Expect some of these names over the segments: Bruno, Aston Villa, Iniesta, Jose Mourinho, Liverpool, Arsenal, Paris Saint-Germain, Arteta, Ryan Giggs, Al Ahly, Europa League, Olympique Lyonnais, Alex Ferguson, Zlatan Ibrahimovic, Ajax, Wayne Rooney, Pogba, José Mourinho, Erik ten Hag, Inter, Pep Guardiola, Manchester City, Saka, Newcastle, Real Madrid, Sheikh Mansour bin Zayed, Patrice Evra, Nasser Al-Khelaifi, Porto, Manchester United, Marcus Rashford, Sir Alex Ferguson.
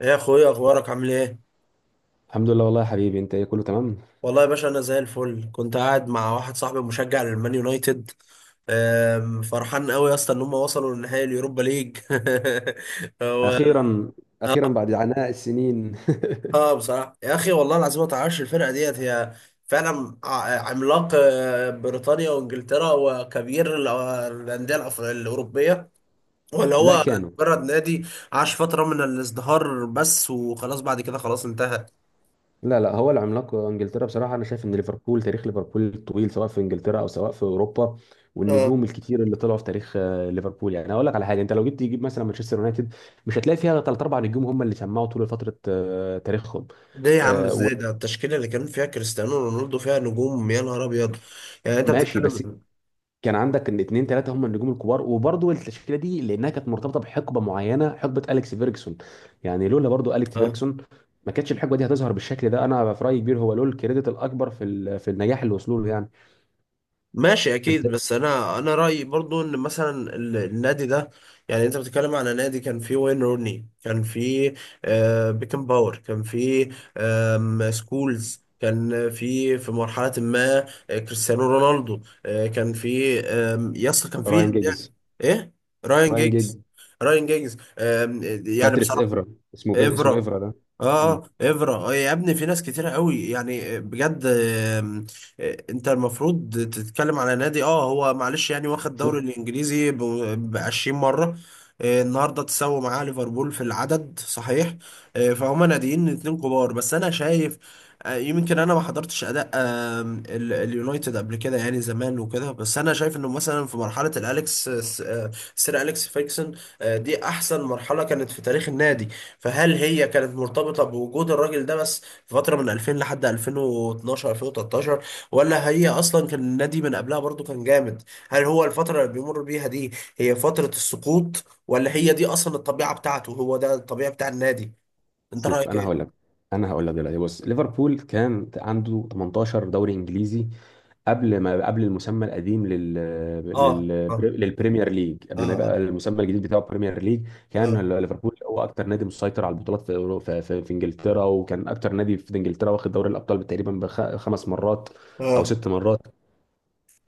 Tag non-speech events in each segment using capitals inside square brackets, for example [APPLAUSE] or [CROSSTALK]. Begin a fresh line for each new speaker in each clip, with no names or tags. ايه يا اخويا، اخبارك؟ عامل ايه؟
الحمد لله والله يا حبيبي، انت ايه؟ كله تمام.
والله يا باشا، انا زي الفل. كنت قاعد مع واحد صاحبي مشجع للمان يونايتد. فرحان قوي يا اسطى ان هم وصلوا لنهائي اليوروبا ليج. [LAUGHS] هو.
اخيرا. اخيرا بعد عناء السنين.
اه، بصراحه يا اخي، والله العظيم ما تعرفش الفرقه ديت هي فعلا عملاق، بريطانيا وانجلترا وكبير الانديه الاوروبيه، ولا
[LAUGHS] لا
هو
كانوا.
مجرد نادي عاش فتره من الازدهار بس، وخلاص بعد كده خلاص انتهى.
لا لا، هو العملاق انجلترا بصراحه. انا شايف ان ليفربول، تاريخ ليفربول الطويل سواء في انجلترا او سواء في اوروبا
اه،
والنجوم الكتير اللي طلعوا في تاريخ ليفربول. يعني اقول لك على حاجه، انت لو جيت تجيب مثلا مانشستر يونايتد مش هتلاقي فيها ثلاث اربع نجوم هم اللي شمعوا طول فتره تاريخهم.
ليه يا عم؟
آه،
ازاي؟ ده التشكيله اللي كان فيها كريستيانو رونالدو فيها نجوم، يا نهار ابيض! يعني انت
وماشي، بس
بتتكلم.
كان عندك ان اتنين تلاته هم النجوم الكبار. وبرضه التشكيله دي لانها كانت مرتبطه بحقبه معينه، حقبه اليكس فيرجسون. يعني لولا برضه اليكس
اه
فيرجسون ما كانتش الحقبه دي هتظهر بالشكل ده. انا في رايي كبير، هو له الكريدت الاكبر في في النجاح اللي وصلوا له يعني.
ماشي، اكيد،
انت
بس انا رايي برضو ان مثلا النادي ده. يعني انت بتتكلم على نادي كان فيه وين روني، كان فيه بيكن باور، كان فيه سكولز، كان في مرحلة ما، كريستيانو رونالدو كان في، يس كان
راين
في.
جيجز.
ايه؟ راين
راين جيجز.
جيجز. راين جيجز. يعني
باتريس
بصراحة.
افرا. اسمه
افرا.
افرا ده. مم.
اه افرا، يا ابني في ناس كتيرة قوي يعني بجد. انت المفروض تتكلم على نادي. اه، هو معلش يعني، واخد الدوري
شوف.
الانجليزي ب 20 مرة. النهارده تساوي معاه ليفربول في العدد، صحيح. فهم ناديين اتنين كبار، بس انا شايف. يمكن انا ما حضرتش اداء اليونايتد قبل كده يعني، زمان وكده، بس انا شايف انه مثلا في مرحله الاليكس، سير اليكس فيكسون، دي احسن مرحله كانت في تاريخ النادي. فهل هي كانت مرتبطة بوجود الراجل ده بس في فترة من 2000 لحد 2012 2013؟ ولا هي أصلا كان النادي من قبلها برضو كان جامد؟ هل هو الفترة اللي بيمر بيها دي هي فترة السقوط؟ ولا هي دي أصلا الطبيعة بتاعته؟ هو ده الطبيعة بتاع النادي. أنت
شوف
رأيك
انا هقول لك
إيه؟
انا هقول لك دلوقتي. بص ليفربول كان عنده 18 دوري انجليزي قبل ما، قبل المسمى القديم لل...
آه، آه،
للبريمير ليج، قبل ما يبقى
آه،
المسمى الجديد بتاعه بريمير ليج. كان
آه،
ليفربول هو اكتر نادي مسيطر على البطولات في في انجلترا، وكان اكتر نادي في انجلترا واخد دوري الابطال تقريبا 5 مرات
آه،
او
آه.
6 مرات.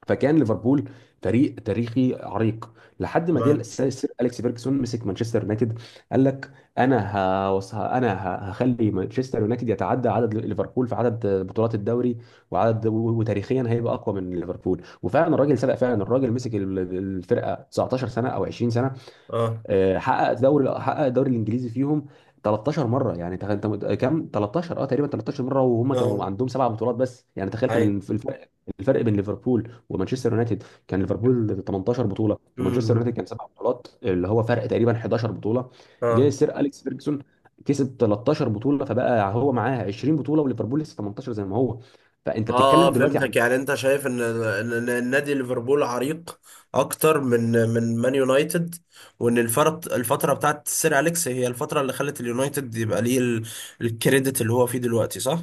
فكان ليفربول فريق تاريخي عريق لحد ما جه
تمام.
السير، سير اليكس فيرجسون، مسك مانشستر يونايتد. قال لك: انا هخلي مانشستر يونايتد يتعدى عدد ليفربول في عدد بطولات الدوري وعدد وتاريخيا هيبقى اقوى من ليفربول. وفعلا الراجل سبق، فعلا الراجل مسك الفرقه 19 سنه او 20 سنه.
آه،
حقق الدوري الانجليزي فيهم 13 مره. يعني كام؟ 13، اه تقريبا 13 مره. وهم كانوا
آه،
عندهم 7 بطولات بس. يعني تخيل، كان
أي.
الفرق، الفرق بين ليفربول ومانشستر يونايتد، كان ليفربول 18 بطوله ومانشستر
مم.
يونايتد كان 7 بطولات، اللي هو فرق تقريبا 11 بطوله. جه
آه،
السير اليكس فيرجسون كسب 13 بطوله، فبقى هو معاه 20 بطوله وليفربول لسه 18 زي ما هو. فانت
اه.
بتتكلم دلوقتي.
فهمتك، يعني انت شايف ان ان إن النادي ليفربول عريق اكتر من مان يونايتد، وان الفتره بتاعت سير اليكس هي الفتره اللي خلت اليونايتد يبقى ليه الكريدت اللي هو فيه دلوقتي، صح؟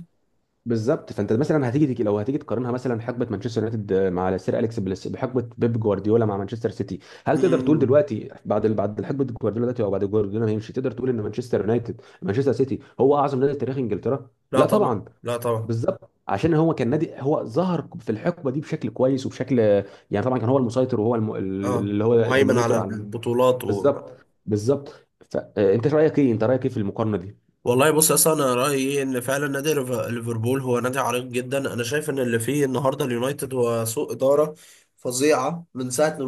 بالظبط. فانت مثلا لو هتيجي تقارنها مثلا حقبه مانشستر يونايتد مع سير اليكس بليس بحقبه بيب جوارديولا مع مانشستر سيتي، هل تقدر تقول
امم،
دلوقتي بعد بعد حقبه جوارديولا دلوقتي، او بعد جوارديولا ما يمشي، تقدر تقول ان مانشستر سيتي هو اعظم نادي في تاريخ انجلترا؟
لا
لا
طبعا،
طبعا.
لا طبعا.
بالظبط، عشان هو كان نادي، هو ظهر في الحقبه دي بشكل كويس وبشكل، يعني طبعا كان هو المسيطر وهو
اه،
اللي هو
مهيمن على
الدومينيتور على.
البطولات.
بالظبط. فانت رايك ايه انت رايك ايه في المقارنه دي؟
والله بص يا اسطى، انا رايي إيه؟ ان فعلا نادي ليفربول هو نادي عريق جدا. انا شايف ان اللي فيه النهارده اليونايتد هو سوء اداره فظيعه من ساعه م-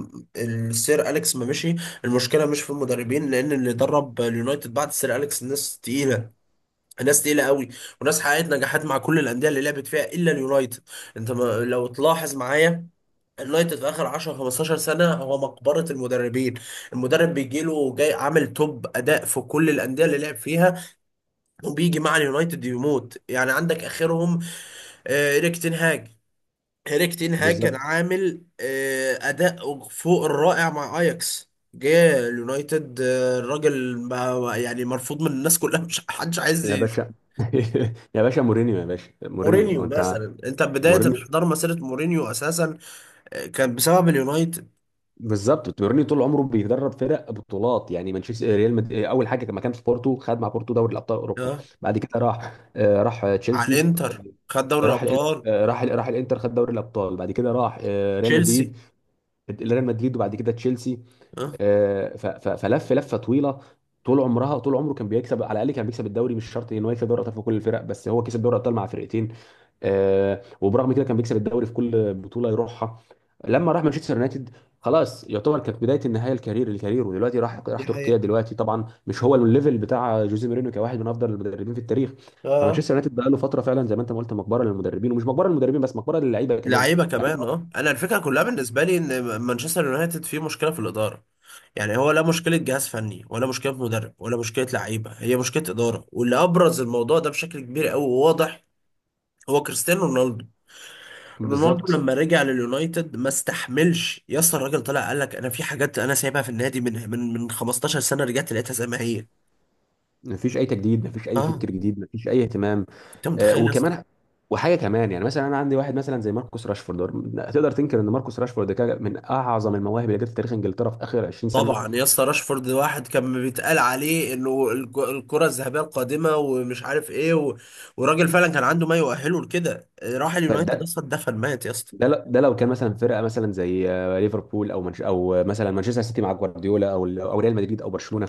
م- السير اليكس ما مشي. المشكله مش في المدربين، لان اللي درب اليونايتد بعد السير اليكس ناس تقيله، ناس تقيله قوي، وناس حققت نجاحات مع كل الانديه اللي لعبت فيها الا اليونايتد. انت ما لو تلاحظ معايا، اليونايتد في اخر 10 15 سنه هو مقبره المدربين. المدرب بيجيله جاي عامل توب اداء في كل الانديه اللي لعب فيها، وبيجي مع اليونايتد يموت. يعني عندك اخرهم، ايريك تين هاج. ايريك تين هاج كان
بالظبط
عامل اداء فوق الرائع مع اياكس. جه اليونايتد، الراجل بقى يعني مرفوض من الناس كلها، مش [LAUGHS] حدش عايز
يا باشا. [LAUGHS] يا باشا مورينيو.
مورينيو
انت
مثلا، انت بداية
مورينيو
انحدار مسيرة مورينيو اساسا، كان بسبب اليونايتد.
بالظبط. مورينيو طول عمره بيدرب فرق بطولات. يعني اول حاجه لما كان في بورتو خد مع بورتو دوري ابطال اوروبا.
اه،
بعد كده راح، راح
على
تشيلسي.
الانتر خد دوري
آه، راح الإن-
الابطال.
آه، راح راح الانتر، خد دوري الابطال. بعد كده راح ريال
تشيلسي.
مدريد. ريال مدريد. وبعد كده تشيلسي.
اه،
آه، ف... ف... فلف لفه طويله. طول عمره كان بيكسب على الاقل، كان بيكسب الدوري. مش شرط ان هو يكسب دوري الابطال في كل الفرق، بس هو كسب دوري الابطال مع فرقتين. وبرغم كده كان بيكسب الدوري في كل بطوله يروحها. لما راح مانشستر يونايتد خلاص، يعتبر كانت بدايه النهايه، الكارير. ودلوقتي راح، راح
دي
تركيا.
حقيقة.
دلوقتي طبعا مش هو الليفل بتاع جوزيه مورينيو كواحد من افضل المدربين في التاريخ.
اه، آه.
فمانشستر يونايتد بقى له فتره فعلا زي ما انت ما قلت، مقبره للمدربين. ومش مقبره للمدربين بس، مقبره للعيبه كمان.
لعيبه
يعني
كمان.
أنت-
اه، انا الفكره كلها بالنسبه لي ان مانشستر يونايتد فيه مشكله في الاداره. يعني هو لا مشكله جهاز فني، ولا مشكله مدرب، ولا مشكله لعيبه، هي مشكله اداره، واللي ابرز الموضوع ده بشكل كبير قوي وواضح هو كريستيانو رونالدو. رونالدو
بالظبط.
لما رجع لليونايتد ما استحملش يا اسطى، الراجل طلع قال لك انا في حاجات انا سايبها في النادي من 15 سنه، رجعت لقيتها زي ما هي.
مفيش اي تجديد، مفيش اي
اه،
فكر جديد، مفيش اي اهتمام.
انت
آه،
متخيل يا اسطى؟
وكمان وحاجه كمان. يعني مثلا انا عندي واحد مثلا زي ماركوس راشفورد، تقدر تنكر ان ماركوس راشفورد كان من اعظم المواهب اللي جت في تاريخ انجلترا في اخر 20 سنه؟
طبعا يا اسطى، راشفورد واحد كان بيتقال عليه انه الكرة الذهبية القادمة ومش عارف ايه، وراجل فعلا كان عنده ما يؤهله لكده، راح
طيب
اليونايتد
ده،
اصلا دفن، مات يا اسطى.
ده لو كان مثلا فرقه مثلا زي ليفربول او منش او آه، مثلا مانشستر سيتي مع جوارديولا، او ريال مدريد او برشلونه،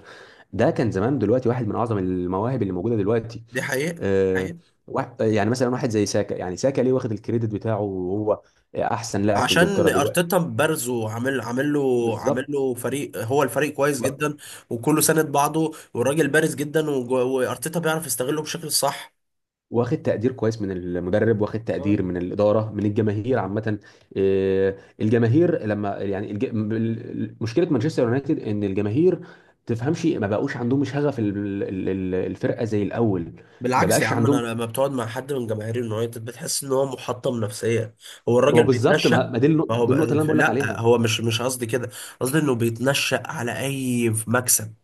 ده كان زمان دلوقتي واحد من اعظم المواهب اللي موجوده دلوقتي.
دي حقيقة.
آه،
حقيقة.
يعني مثلا واحد زي ساكا، يعني ساكا ليه واخد الكريدت بتاعه؟ وهو احسن لاعب في
عشان
انجلترا دلوقتي.
ارتيتا بارزه، عامل عامل له عامل
بالظبط.
له فريق، هو الفريق كويس جدا، وكله ساند بعضه، والراجل بارز جدا، وارتيتا بيعرف يستغله بشكل صح.
واخد تقدير كويس من المدرب، واخد تقدير من الاداره، من الجماهير عامه. الجماهير لما، يعني مشكله مانشستر يونايتد ان الجماهير تفهمش، ما بقوش عندهم شغف الفرقه زي الاول. ما
بالعكس يا
بقاش
عم، انا
عندهم.
لما بتقعد مع حد من جماهير اليونايتد بتحس ان هو محطم نفسيا، هو
ما هو
الراجل
بالظبط.
بيتنشأ.
ما، ما دي
ما هو
دي
بقى
النقطه اللي انا بقول لك
لا،
عليها.
هو مش قصدي كده. قصدي انه بيتنشأ على اي مكسب.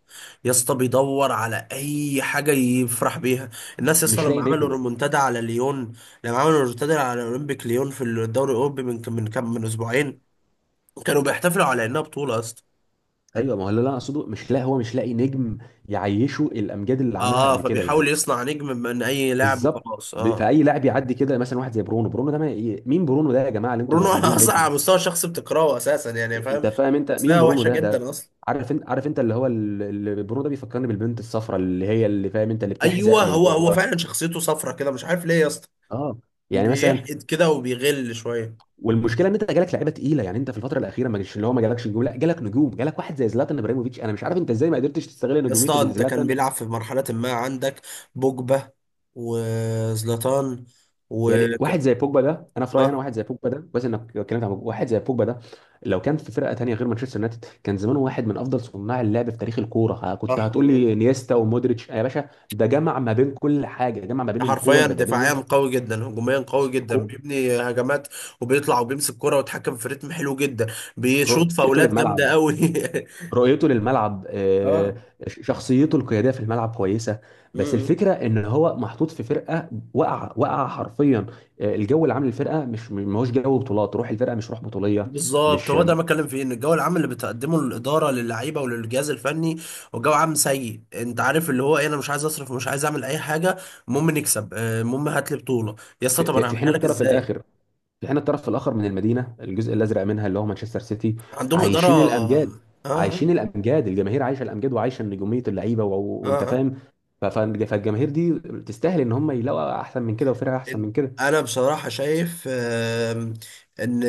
يا اسطى، بيدور على اي حاجه يفرح بيها. الناس يا اسطى
مش لاقي
لما عملوا
نجم.
ريمونتادا على ليون، لما عملوا ريمونتادا على اولمبيك ليون في الدوري الاوروبي من كم من كم من اسبوعين، كانوا بيحتفلوا على انها بطوله يا اسطى.
ايوه ما هو اللي انا اقصده، مش لاقي، هو مش لاقي نجم يعيشه الامجاد اللي عملها
اه،
قبل كده يعني.
فبيحاول يصنع نجم من اي لاعب
بالظبط.
وخلاص، اه.
فاي لاعب يعدي كده مثلا واحد زي برونو. برونو ده ما... مين برونو ده يا جماعه اللي انتم
برونو. [LAUGHS] انا
عاملينه
اصلا
نجم؟
على مستوى شخص بتكرهه اساسا، يعني فاهم.
انت فاهم انت مين
شخصيه
برونو
وحشه
ده ده؟
جدا اصلا.
عارف انت، اللي هو ال- اللي برونو ده بيفكرني بالبنت الصفراء اللي هي، اللي فاهم انت، اللي بتحزق
ايوه،
من
هو
جوه.
فعلا شخصيته صفرة كده، مش عارف ليه يا اسطى.
اه. يعني مثلا،
بيحقد كده وبيغل شويه.
والمشكله ان انت جالك لعيبه تقيله. يعني انت في الفتره الاخيره ما جالش، اللي هو ما جالكش نجوم. لا، جالك نجوم. جالك واحد زي زلاتان ابراهيموفيتش، انا مش عارف انت ازاي ما قدرتش تستغل
يا
نجوميه
اسطى، انت كان
زلاتان.
بيلعب في مرحله ما عندك بوجبا، وزلاتان، و.
يعني واحد زي بوجبا ده، انا في رايي انا،
اه،
واحد زي بوجبا ده، بس انك اتكلمت عن بوجبا، واحد زي بوجبا ده لو كان في فرقه تانيه غير مانشستر يونايتد، كان زمانه واحد من افضل صناع اللعب في تاريخ الكوره. ها، كنت
صح
هتقول
والله.
لي انيستا ومودريتش. يا باشا ده جمع ما بين كل حاجه، جمع ما بين القوه
حرفيا، دفاعيا
البدنيه،
قوي جدا، هجوميا قوي
بس
جدا،
الكو
بيبني هجمات، وبيطلع وبيمسك كرة ويتحكم في رتم حلو جدا. بيشوط
رؤيته
فاولات جامده
للملعب.
قوي.
رؤيته للملعب.
[LAUGHS]
شخصيته القياديه في الملعب كويسه. بس
اه،
الفكره ان هو محطوط في فرقه، وقع حرفيا. الجو اللي عامل الفرقه مش ما هوش جو بطولات. روح الفرقه مش روح بطوليه.
بالظبط.
مش
هو ده اللي بتكلم فيه، ان الجو العام اللي بتقدمه الاداره للعيبه وللجهاز الفني هو جو عام سيء. انت عارف اللي هو ايه؟ انا مش عايز اصرف ومش عايز اعمل اي حاجه، المهم نكسب، المهم هات لي بطوله. يا اسطى،
في
طب انا
في حين
هعملها لك
الطرف
ازاي؟
الاخر، في حين الطرف الاخر من المدينه، الجزء الازرق منها اللي هو مانشستر سيتي،
عندهم اداره.
عايشين الامجاد.
اه،
عايشين الامجاد، الجماهير عايشه الامجاد وعايشه نجوميه اللعيبه
اه،
وانت
آه.
فاهم. فالجماهير دي تستاهل ان هم يلاقوا احسن من كده وفرقه احسن من كده.
انا بصراحه شايف ان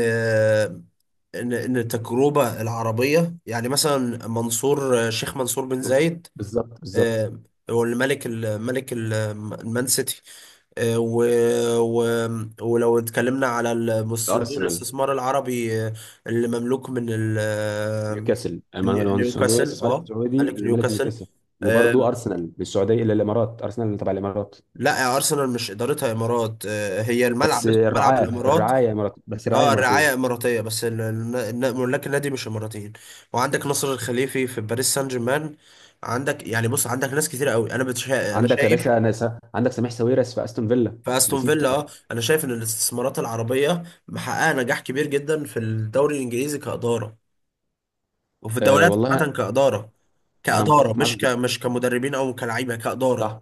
التجربه العربيه، يعني مثلا منصور، شيخ منصور بن زايد،
بالظبط.
آه، هو اللي المان سيتي، آه، و... و... ولو اتكلمنا على صندوق
ارسنال،
الاستثمار العربي، اللي مملوك من ال... آه،
نيوكاسل.
من
المانويل، الصندوق
نيوكاسل.
الاستثمار
اه،
السعودي
ملك
اللي ملك
نيوكاسل.
نيوكاسل. وبرضه
آه،
ارسنال، من السعوديه الى الامارات، ارسنال تبع الامارات.
لا يا ارسنال مش ادارتها امارات، هي
بس
الملعب اسمه ملعب
الرعايه،
الامارات.
الرعايه امارات بس الرعايه
اه، الرعايه
اماراتيه.
اماراتيه، بس ملاك النادي مش اماراتيين. وعندك نصر الخليفي في باريس سان جيرمان. عندك، يعني بص، عندك ناس كتير قوي، انا
عندك يا
شايف.
باشا انا س... عندك سميح ساويرس في استون فيلا.
فاستون
نسيت.
فيلا، اه، انا شايف ان الاستثمارات العربيه محققه نجاح كبير جدا في الدوري الانجليزي كاداره، وفي
آه
الدوريات
والله.
عامه كاداره،
انا
كاداره،
متفق معاك جدا.
مش كمدربين او كلاعيبه، كاداره.
صح.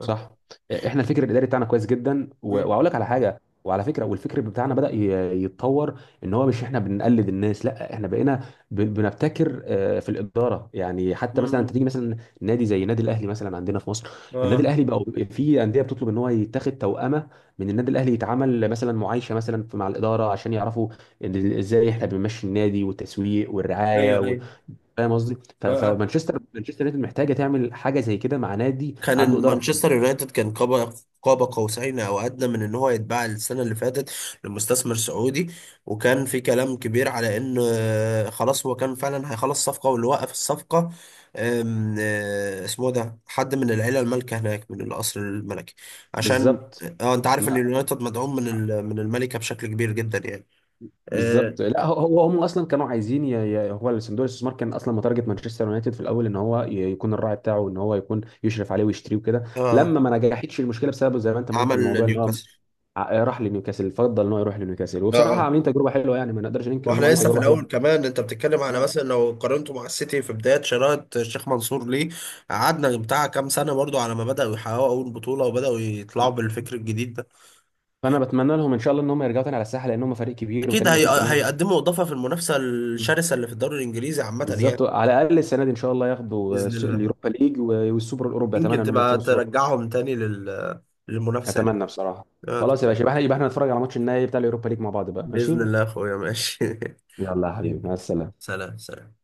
صح. احنا الفكر الاداري بتاعنا كويس جدا.
امم.
واقول لك على حاجه وعلى فكره، والفكر بتاعنا بدا يتطور. ان هو مش احنا بنقلد الناس، لا احنا بقينا بنبتكر في الاداره. يعني حتى مثلا انت تيجي
امم.
مثلا نادي زي النادي الاهلي مثلا عندنا في مصر. النادي
اه،
الاهلي بقى في انديه بتطلب ان هو يتاخد توأمه من النادي الاهلي، يتعمل مثلا معايشه مثلا مع الاداره عشان يعرفوا إن ازاي احنا بنمشي النادي والتسويق والرعايه
ايوه، ايوه،
فاهم قصدي. ف-
اه، آه.
فمانشستر مانشستر يونايتد محتاجه تعمل حاجه زي كده مع نادي
كان
عنده
إن
اداره.
مانشستر يونايتد كان قاب قوسين او ادنى من ان هو يتباع السنه اللي فاتت، لمستثمر سعودي. وكان في كلام كبير على ان، خلاص هو كان فعلا هيخلص صفقه، واللي وقف الصفقه آم، آه، اسمه ده حد من العيله المالكه هناك، من القصر الملكي. عشان،
بالظبط.
اه، انت عارف ان
ما-
اليونايتد مدعوم من الملكه بشكل كبير جدا يعني. اه،
بالظبط، لا هو، هم اصلا كانوا عايزين هو الصندوق الاستثمار كان اصلا متارجت مانشستر يونايتد في الاول ان هو يكون الراعي بتاعه، ان هو يكون يشرف عليه ويشتريه وكده.
آه،
لما ما نجحتش المشكله بسبب زي ما انت ما قلت
عمل
الموضوع ان هو
نيوكاسل.
راح لنيوكاسل، فضل ان هو يروح لنيوكاسل. وبصراحه
اه،
عاملين تجربه حلوه يعني، ما نقدرش ننكر ان هم
واحنا
عاملين
لسه في
تجربه حلوه.
الاول، كمان انت بتتكلم على
نعم.
مثلا لو قارنته مع السيتي في بدايه شراءة الشيخ منصور ليه، قعدنا بتاع كام سنه برضو على ما بداوا يحققوا اول بطوله وبداوا يطلعوا بالفكر الجديد ده.
فانا بتمنى لهم ان شاء الله ان هم يرجعوا تاني على الساحه، لان هم فريق كبير،
اكيد
وفريق
هي...
مانشستر
آه،
يونايتد
هيقدموا اضافه في المنافسه الشرسه اللي في الدوري الانجليزي عامه يعني.
بالظبط. على الاقل السنه دي ان شاء الله ياخدوا
باذن الله،
اليوروبا ليج والسوبر الاوروبي، اتمنى
يمكن
ان هم
تبقى
يكسبوا السوبر.
ترجعهم تاني للمنافسه يعني.
اتمنى بصراحه. خلاص يا
طبعاً.
باشا، يبقى احنا نتفرج على ماتش النهائي بتاع اليوروبا ليج مع بعض بقى، ماشي؟
باذن الله يا اخويا، ماشي. [LAUGHS]
يلا يا حبيبي، مع
حبيبي،
السلامه.
سلام، سلام.